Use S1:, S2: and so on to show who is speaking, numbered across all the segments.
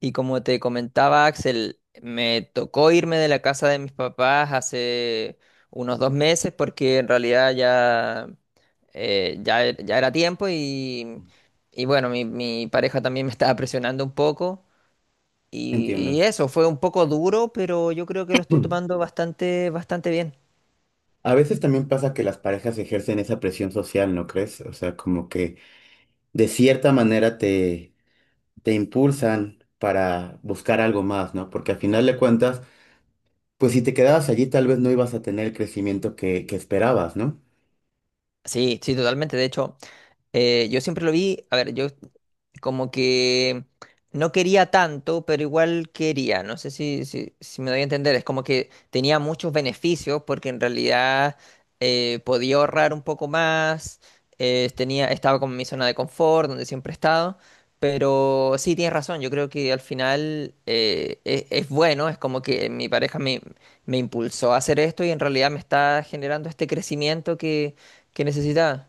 S1: Y como te comentaba, Axel, me tocó irme de la casa de mis papás hace unos 2 meses porque en realidad ya, ya era tiempo y bueno, mi pareja también me estaba presionando un poco. Y
S2: Entiendo.
S1: eso, fue un poco duro, pero yo creo que lo estoy tomando bastante, bastante bien.
S2: A veces también pasa que las parejas ejercen esa presión social, ¿no crees? O sea, como que de cierta manera te impulsan para buscar algo más, ¿no? Porque al final de cuentas, pues si te quedabas allí, tal vez no ibas a tener el crecimiento que esperabas, ¿no?
S1: Sí, sí, totalmente. De hecho. Yo siempre lo vi, a ver, yo como que no quería tanto, pero igual quería, no sé si me doy a entender, es como que tenía muchos beneficios porque en realidad podía ahorrar un poco más, tenía, estaba como en mi zona de confort, donde siempre he estado, pero sí, tienes razón, yo creo que al final es bueno, es como que mi pareja me, me impulsó a hacer esto y en realidad me está generando este crecimiento que necesitaba.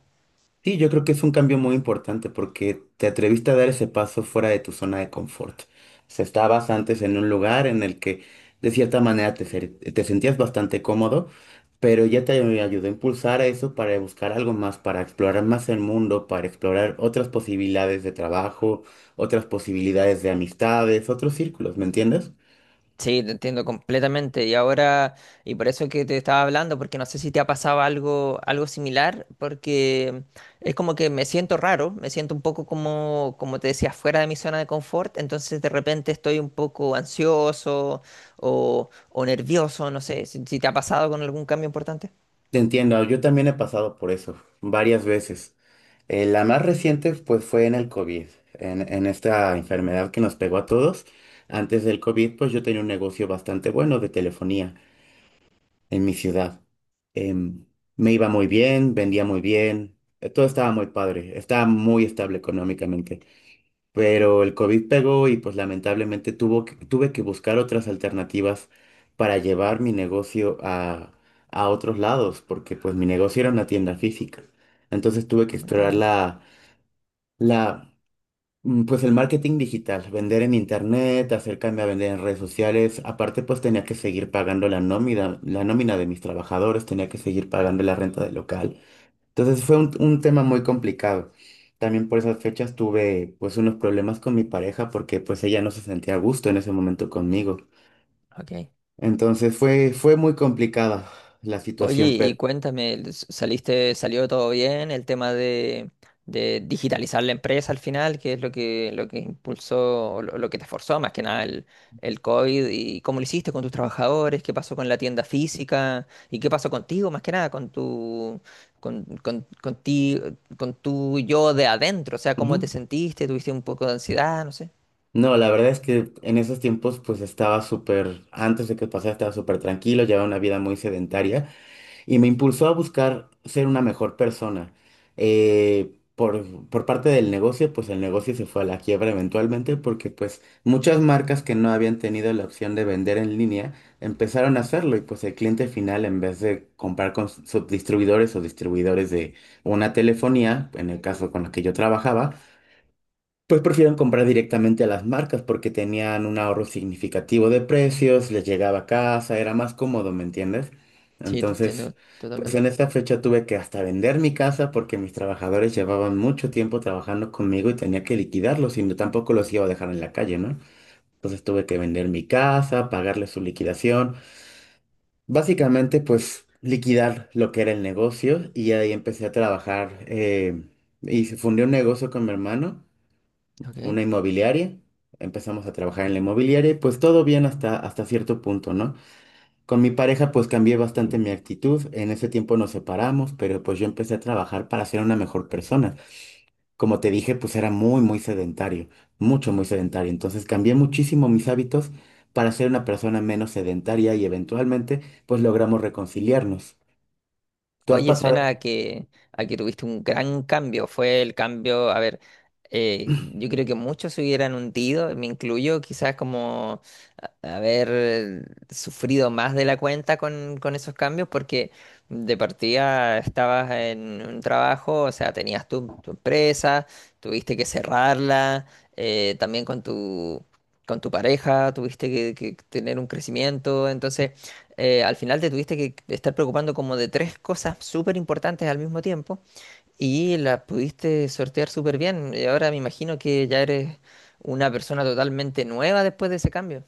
S2: Sí, yo creo que es un cambio muy importante porque te atreviste a dar ese paso fuera de tu zona de confort. O sea, estabas antes en un lugar en el que de cierta manera te sentías bastante cómodo, pero ya te ayudó a impulsar a eso para buscar algo más, para explorar más el mundo, para explorar otras posibilidades de trabajo, otras posibilidades de amistades, otros círculos, ¿me entiendes?
S1: Sí, te entiendo completamente. Y ahora, y por eso que te estaba hablando, porque no sé si te ha pasado algo, algo similar, porque es como que me siento raro, me siento un poco como, como te decía, fuera de mi zona de confort, entonces de repente estoy un poco ansioso o nervioso, no sé, si te ha pasado con algún cambio importante.
S2: Te entiendo, yo también he pasado por eso varias veces. La más reciente pues fue en el COVID, en esta enfermedad que nos pegó a todos. Antes del COVID pues yo tenía un negocio bastante bueno de telefonía en mi ciudad. Em, me iba muy bien, vendía muy bien, todo estaba muy padre, estaba muy estable económicamente, pero el COVID pegó y pues lamentablemente tuve que buscar otras alternativas para llevar mi negocio a otros lados, porque pues mi negocio era una tienda física. Entonces tuve que
S1: No
S2: explorar
S1: entiendo.
S2: la, la, pues el marketing digital, vender en internet, acercarme a vender en redes sociales. Aparte pues tenía que seguir pagando la nómina de mis trabajadores, tenía que seguir pagando la renta del local. Entonces fue un tema muy complicado. También por esas fechas tuve pues unos problemas con mi pareja porque pues ella no se sentía a gusto en ese momento conmigo.
S1: Ok.
S2: Entonces fue muy complicada la
S1: Oye,
S2: situación,
S1: y
S2: pero...
S1: cuéntame, ¿saliste, salió todo bien? El tema de digitalizar la empresa al final, qué es lo que impulsó, lo que te forzó más que nada el COVID, y cómo lo hiciste con tus trabajadores, qué pasó con la tienda física, y qué pasó contigo más que nada, con ti, con tu yo de adentro, o sea, cómo te
S2: Ujú.
S1: sentiste, tuviste un poco de ansiedad, no sé.
S2: No, la verdad es que en esos tiempos pues estaba súper, antes de que pasara estaba súper tranquilo, llevaba una vida muy sedentaria, y me impulsó a buscar ser una mejor persona. Por parte del negocio, pues el negocio se fue a la quiebra eventualmente porque pues muchas marcas que no habían tenido la opción de vender en línea empezaron a hacerlo, y pues el cliente final, en vez de comprar con subdistribuidores o distribuidores de una telefonía, en el caso con la que yo trabajaba, pues prefieren comprar directamente a las marcas porque tenían un ahorro significativo de precios, les llegaba a casa, era más cómodo, ¿me entiendes?
S1: Sí, te
S2: Entonces,
S1: entiendo
S2: pues
S1: totalmente.
S2: en esta fecha tuve que hasta vender mi casa porque mis trabajadores llevaban mucho tiempo trabajando conmigo y tenía que liquidarlos y no, tampoco los iba a dejar en la calle, ¿no? Entonces tuve que vender mi casa, pagarles su liquidación, básicamente pues liquidar lo que era el negocio, y ahí empecé a trabajar y se fundé un negocio con mi hermano,
S1: Ok.
S2: una inmobiliaria, empezamos a trabajar en la inmobiliaria y pues todo bien hasta, hasta cierto punto, ¿no? Con mi pareja pues cambié bastante mi actitud, en ese tiempo nos separamos, pero pues yo empecé a trabajar para ser una mejor persona. Como te dije, pues era muy, muy sedentario, mucho, muy sedentario. Entonces cambié muchísimo mis hábitos para ser una persona menos sedentaria y eventualmente pues logramos reconciliarnos. ¿Tú has
S1: Oye, suena a
S2: pasado?
S1: a que tuviste un gran cambio. Fue el cambio, a ver, yo creo que muchos se hubieran hundido, me incluyo, quizás como a- haber sufrido más de la cuenta con esos cambios, porque de partida estabas en un trabajo, o sea, tenías tu, tu empresa, tuviste que cerrarla, también con tu pareja, tuviste que tener un crecimiento, entonces al final te tuviste que estar preocupando como de tres cosas súper importantes al mismo tiempo y las pudiste sortear súper bien. Y ahora me imagino que ya eres una persona totalmente nueva después de ese cambio.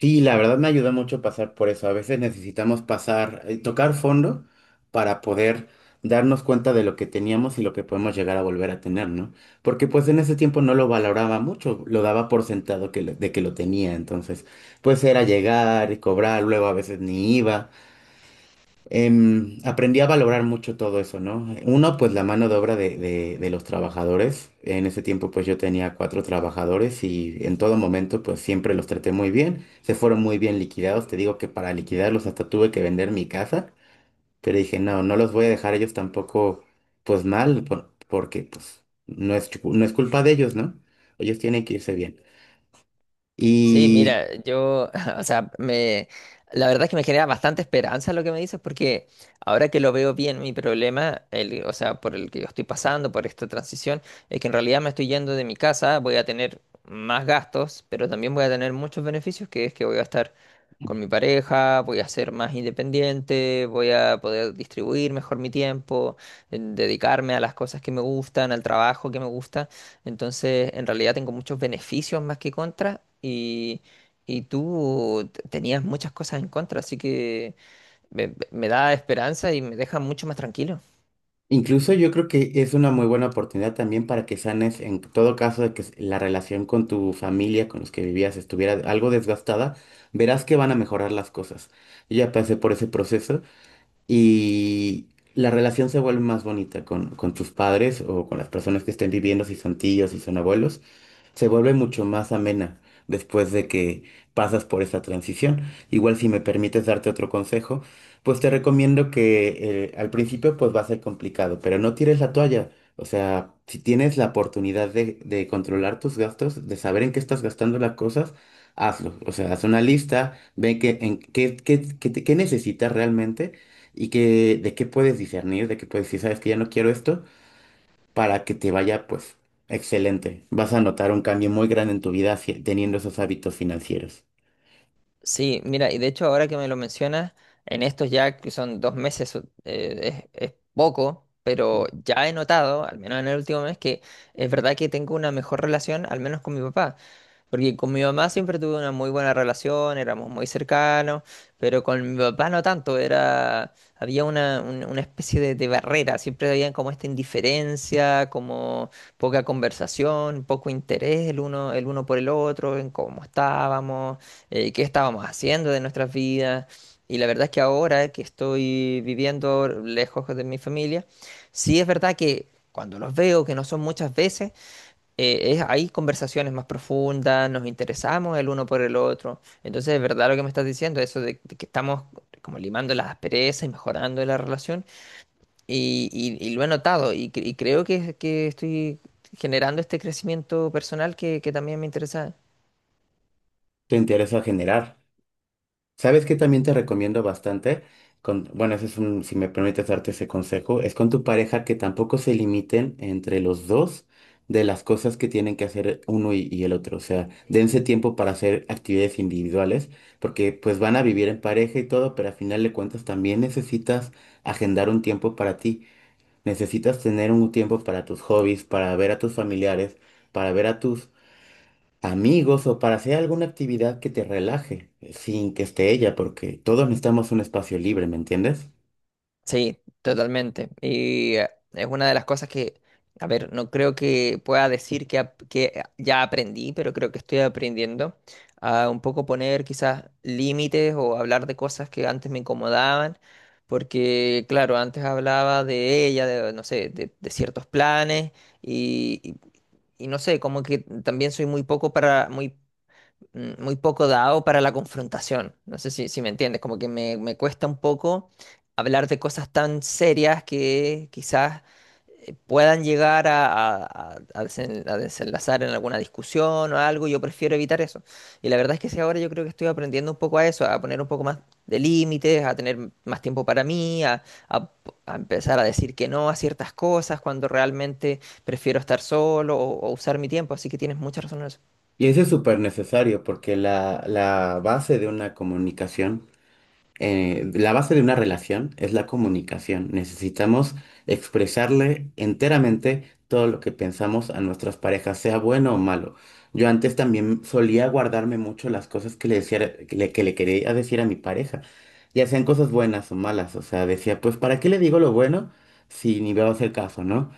S2: Sí, la verdad me ayuda mucho pasar por eso. A veces necesitamos pasar, tocar fondo para poder darnos cuenta de lo que teníamos y lo que podemos llegar a volver a tener, ¿no? Porque pues en ese tiempo no lo valoraba mucho, lo daba por sentado de que lo tenía, entonces pues era llegar y cobrar, luego a veces ni iba. Aprendí a valorar mucho todo eso, ¿no? Uno, pues la mano de obra de, de los trabajadores. En ese tiempo, pues yo tenía cuatro trabajadores y en todo momento, pues siempre los traté muy bien. Se fueron muy bien liquidados. Te digo que para liquidarlos hasta tuve que vender mi casa, pero dije, no, no los voy a dejar a ellos tampoco, pues mal, porque pues no es, no es culpa de ellos, ¿no? Ellos tienen que irse bien.
S1: Sí,
S2: Y
S1: mira, yo, o sea, me, la verdad es que me genera bastante esperanza lo que me dices, porque ahora que lo veo bien, mi problema, o sea, por el que yo estoy pasando, por esta transición, es que en realidad me estoy yendo de mi casa, voy a tener más gastos, pero también voy a tener muchos beneficios, que es que voy a estar con mi pareja, voy a ser más independiente, voy a poder distribuir mejor mi tiempo, en dedicarme a las cosas que me gustan, al trabajo que me gusta. Entonces, en realidad tengo muchos beneficios más que contras y tú tenías muchas cosas en contra, así que me da esperanza y me deja mucho más tranquilo.
S2: incluso yo creo que es una muy buena oportunidad también para que sanes, en todo caso de que la relación con tu familia, con los que vivías, estuviera algo desgastada, verás que van a mejorar las cosas. Yo ya pasé por ese proceso y la relación se vuelve más bonita con tus padres o con las personas que estén viviendo, si son tíos, si son abuelos, se vuelve mucho más amena después de que pasas por esa transición. Igual si me permites darte otro consejo, pues te recomiendo que al principio pues va a ser complicado, pero no tires la toalla. O sea, si tienes la oportunidad de, controlar tus gastos, de saber en qué estás gastando las cosas, hazlo. O sea, haz una lista, ve qué, en, qué, qué, qué, te- qué necesitas realmente y que, de qué puedes discernir, de qué puedes decir, sabes que ya no quiero esto para que te vaya, pues, excelente. Vas a notar un cambio muy grande en tu vida teniendo esos hábitos financieros.
S1: Sí, mira, y de hecho ahora que me lo mencionas, en estos ya que son 2 meses, es poco, pero
S2: Ujú.
S1: ya he notado, al menos en el último mes, que es verdad que tengo una mejor relación, al menos con mi papá. Porque con mi mamá siempre tuve una muy buena relación, éramos muy cercanos, pero con mi papá no tanto, era, había una, una especie de barrera, siempre había como esta indiferencia, como poca conversación, poco interés el uno por el otro, en cómo estábamos, qué estábamos haciendo de nuestras vidas. Y la verdad es que ahora que estoy viviendo lejos de mi familia, sí es verdad que cuando los veo, que no son muchas veces, hay conversaciones más profundas, nos interesamos el uno por el otro. Entonces, es verdad lo que me estás diciendo, eso de que estamos como limando las asperezas y mejorando la relación. Y lo he notado y creo que estoy generando este crecimiento personal que también me interesa.
S2: Te interesa generar. ¿Sabes qué también te recomiendo bastante? Bueno, si me permites darte ese consejo, es con tu pareja, que tampoco se limiten entre los dos de las cosas que tienen que hacer uno y el otro. O sea, dense tiempo para hacer actividades individuales, porque pues van a vivir en pareja y todo, pero al final de cuentas también necesitas agendar un tiempo para ti. Necesitas tener un tiempo para tus hobbies, para ver a tus familiares, para ver a tus amigos, o para hacer alguna actividad que te relaje, sin que esté ella, porque todos necesitamos un espacio libre, ¿me entiendes?
S1: Sí, totalmente. Y es una de las cosas que, a ver, no creo que pueda decir que, que ya aprendí, pero creo que estoy aprendiendo a un poco poner quizás límites o hablar de cosas que antes me incomodaban, porque claro, antes hablaba de ella, de, no sé, de ciertos planes y, y- y no sé, como que también soy muy poco para, muy muy poco dado para la confrontación. No sé si me entiendes, como que me cuesta un poco hablar de cosas tan serias que quizás puedan llegar a, a a desenlazar en alguna discusión o algo. Yo prefiero evitar eso. Y la verdad es que sí, ahora yo creo que estoy aprendiendo un poco a eso, a poner un poco más de límites, a tener más tiempo para mí, a a empezar a decir que no a ciertas cosas cuando realmente prefiero estar solo o usar mi tiempo. Así que tienes mucha razón en eso.
S2: Y eso es súper necesario, porque la base de una comunicación, la base de una relación es la comunicación. Necesitamos expresarle enteramente todo lo que pensamos a nuestras parejas, sea bueno o malo. Yo antes también solía guardarme mucho las cosas que le decía, que le quería decir a mi pareja, ya sean cosas buenas o malas. O sea, decía, pues, ¿para qué le digo lo bueno si ni me va a hacer caso?, ¿no?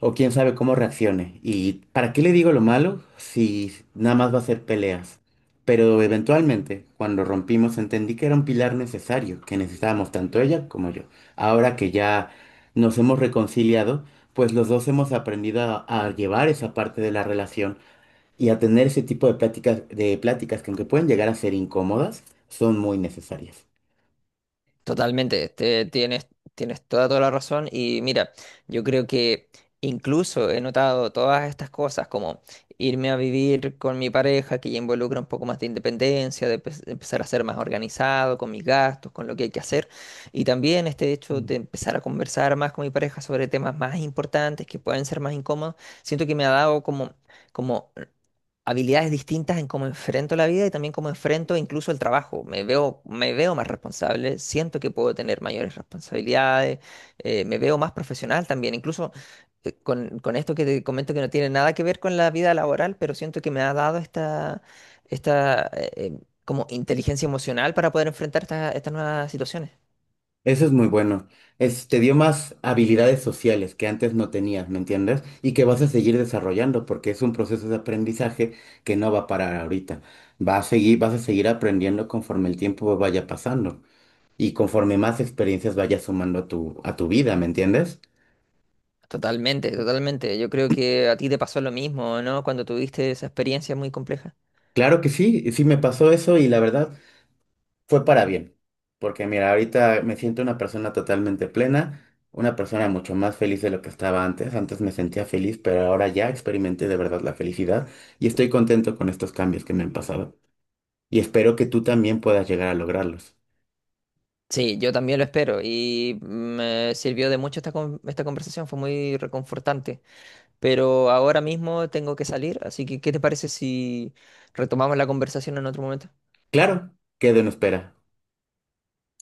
S2: O quién sabe cómo reaccione. ¿Y para qué le digo lo malo si nada más va a ser peleas? Pero eventualmente, cuando rompimos, entendí que era un pilar necesario, que necesitábamos tanto ella como yo. Ahora que ya nos hemos reconciliado, pues los dos hemos aprendido a, llevar esa parte de la relación y a tener ese tipo de pláticas que, aunque pueden llegar a ser incómodas, son muy necesarias.
S1: Totalmente, tienes, tienes toda, toda la razón y mira, yo creo que incluso he notado todas estas cosas como irme a vivir con mi pareja que ya involucra un poco más de independencia, de empezar a ser más organizado con mis gastos, con lo que hay que hacer y también este hecho de empezar a conversar más con mi pareja sobre temas más importantes que pueden ser más incómodos, siento que me ha dado como, como habilidades distintas en cómo enfrento la vida y también cómo enfrento incluso el trabajo. Me veo más responsable, siento que puedo tener mayores responsabilidades, me veo más profesional también, incluso con esto que te comento que no tiene nada que ver con la vida laboral, pero siento que me ha dado esta, esta como inteligencia emocional para poder enfrentar estas nuevas situaciones.
S2: Eso es muy bueno. Te dio más habilidades sociales que antes no tenías, ¿me entiendes? Y que vas a seguir desarrollando porque es un proceso de aprendizaje que no va a parar ahorita. Va a seguir, vas a seguir aprendiendo conforme el tiempo vaya pasando y conforme más experiencias vayas sumando a tu, vida, ¿me entiendes?
S1: Totalmente, totalmente. Yo creo que a ti te pasó lo mismo, ¿no? Cuando tuviste esa experiencia muy compleja.
S2: Claro que sí, sí me pasó eso y la verdad fue para bien, porque mira, ahorita me siento una persona totalmente plena, una persona mucho más feliz de lo que estaba antes. Antes me sentía feliz, pero ahora ya experimenté de verdad la felicidad y estoy contento con estos cambios que me han pasado. Y espero que tú también puedas llegar a lograrlos.
S1: Sí, yo también lo espero y me sirvió de mucho esta, esta conversación, fue muy reconfortante. Pero ahora mismo tengo que salir, así que ¿qué te parece si retomamos la conversación en otro momento?
S2: Claro, quedo en espera.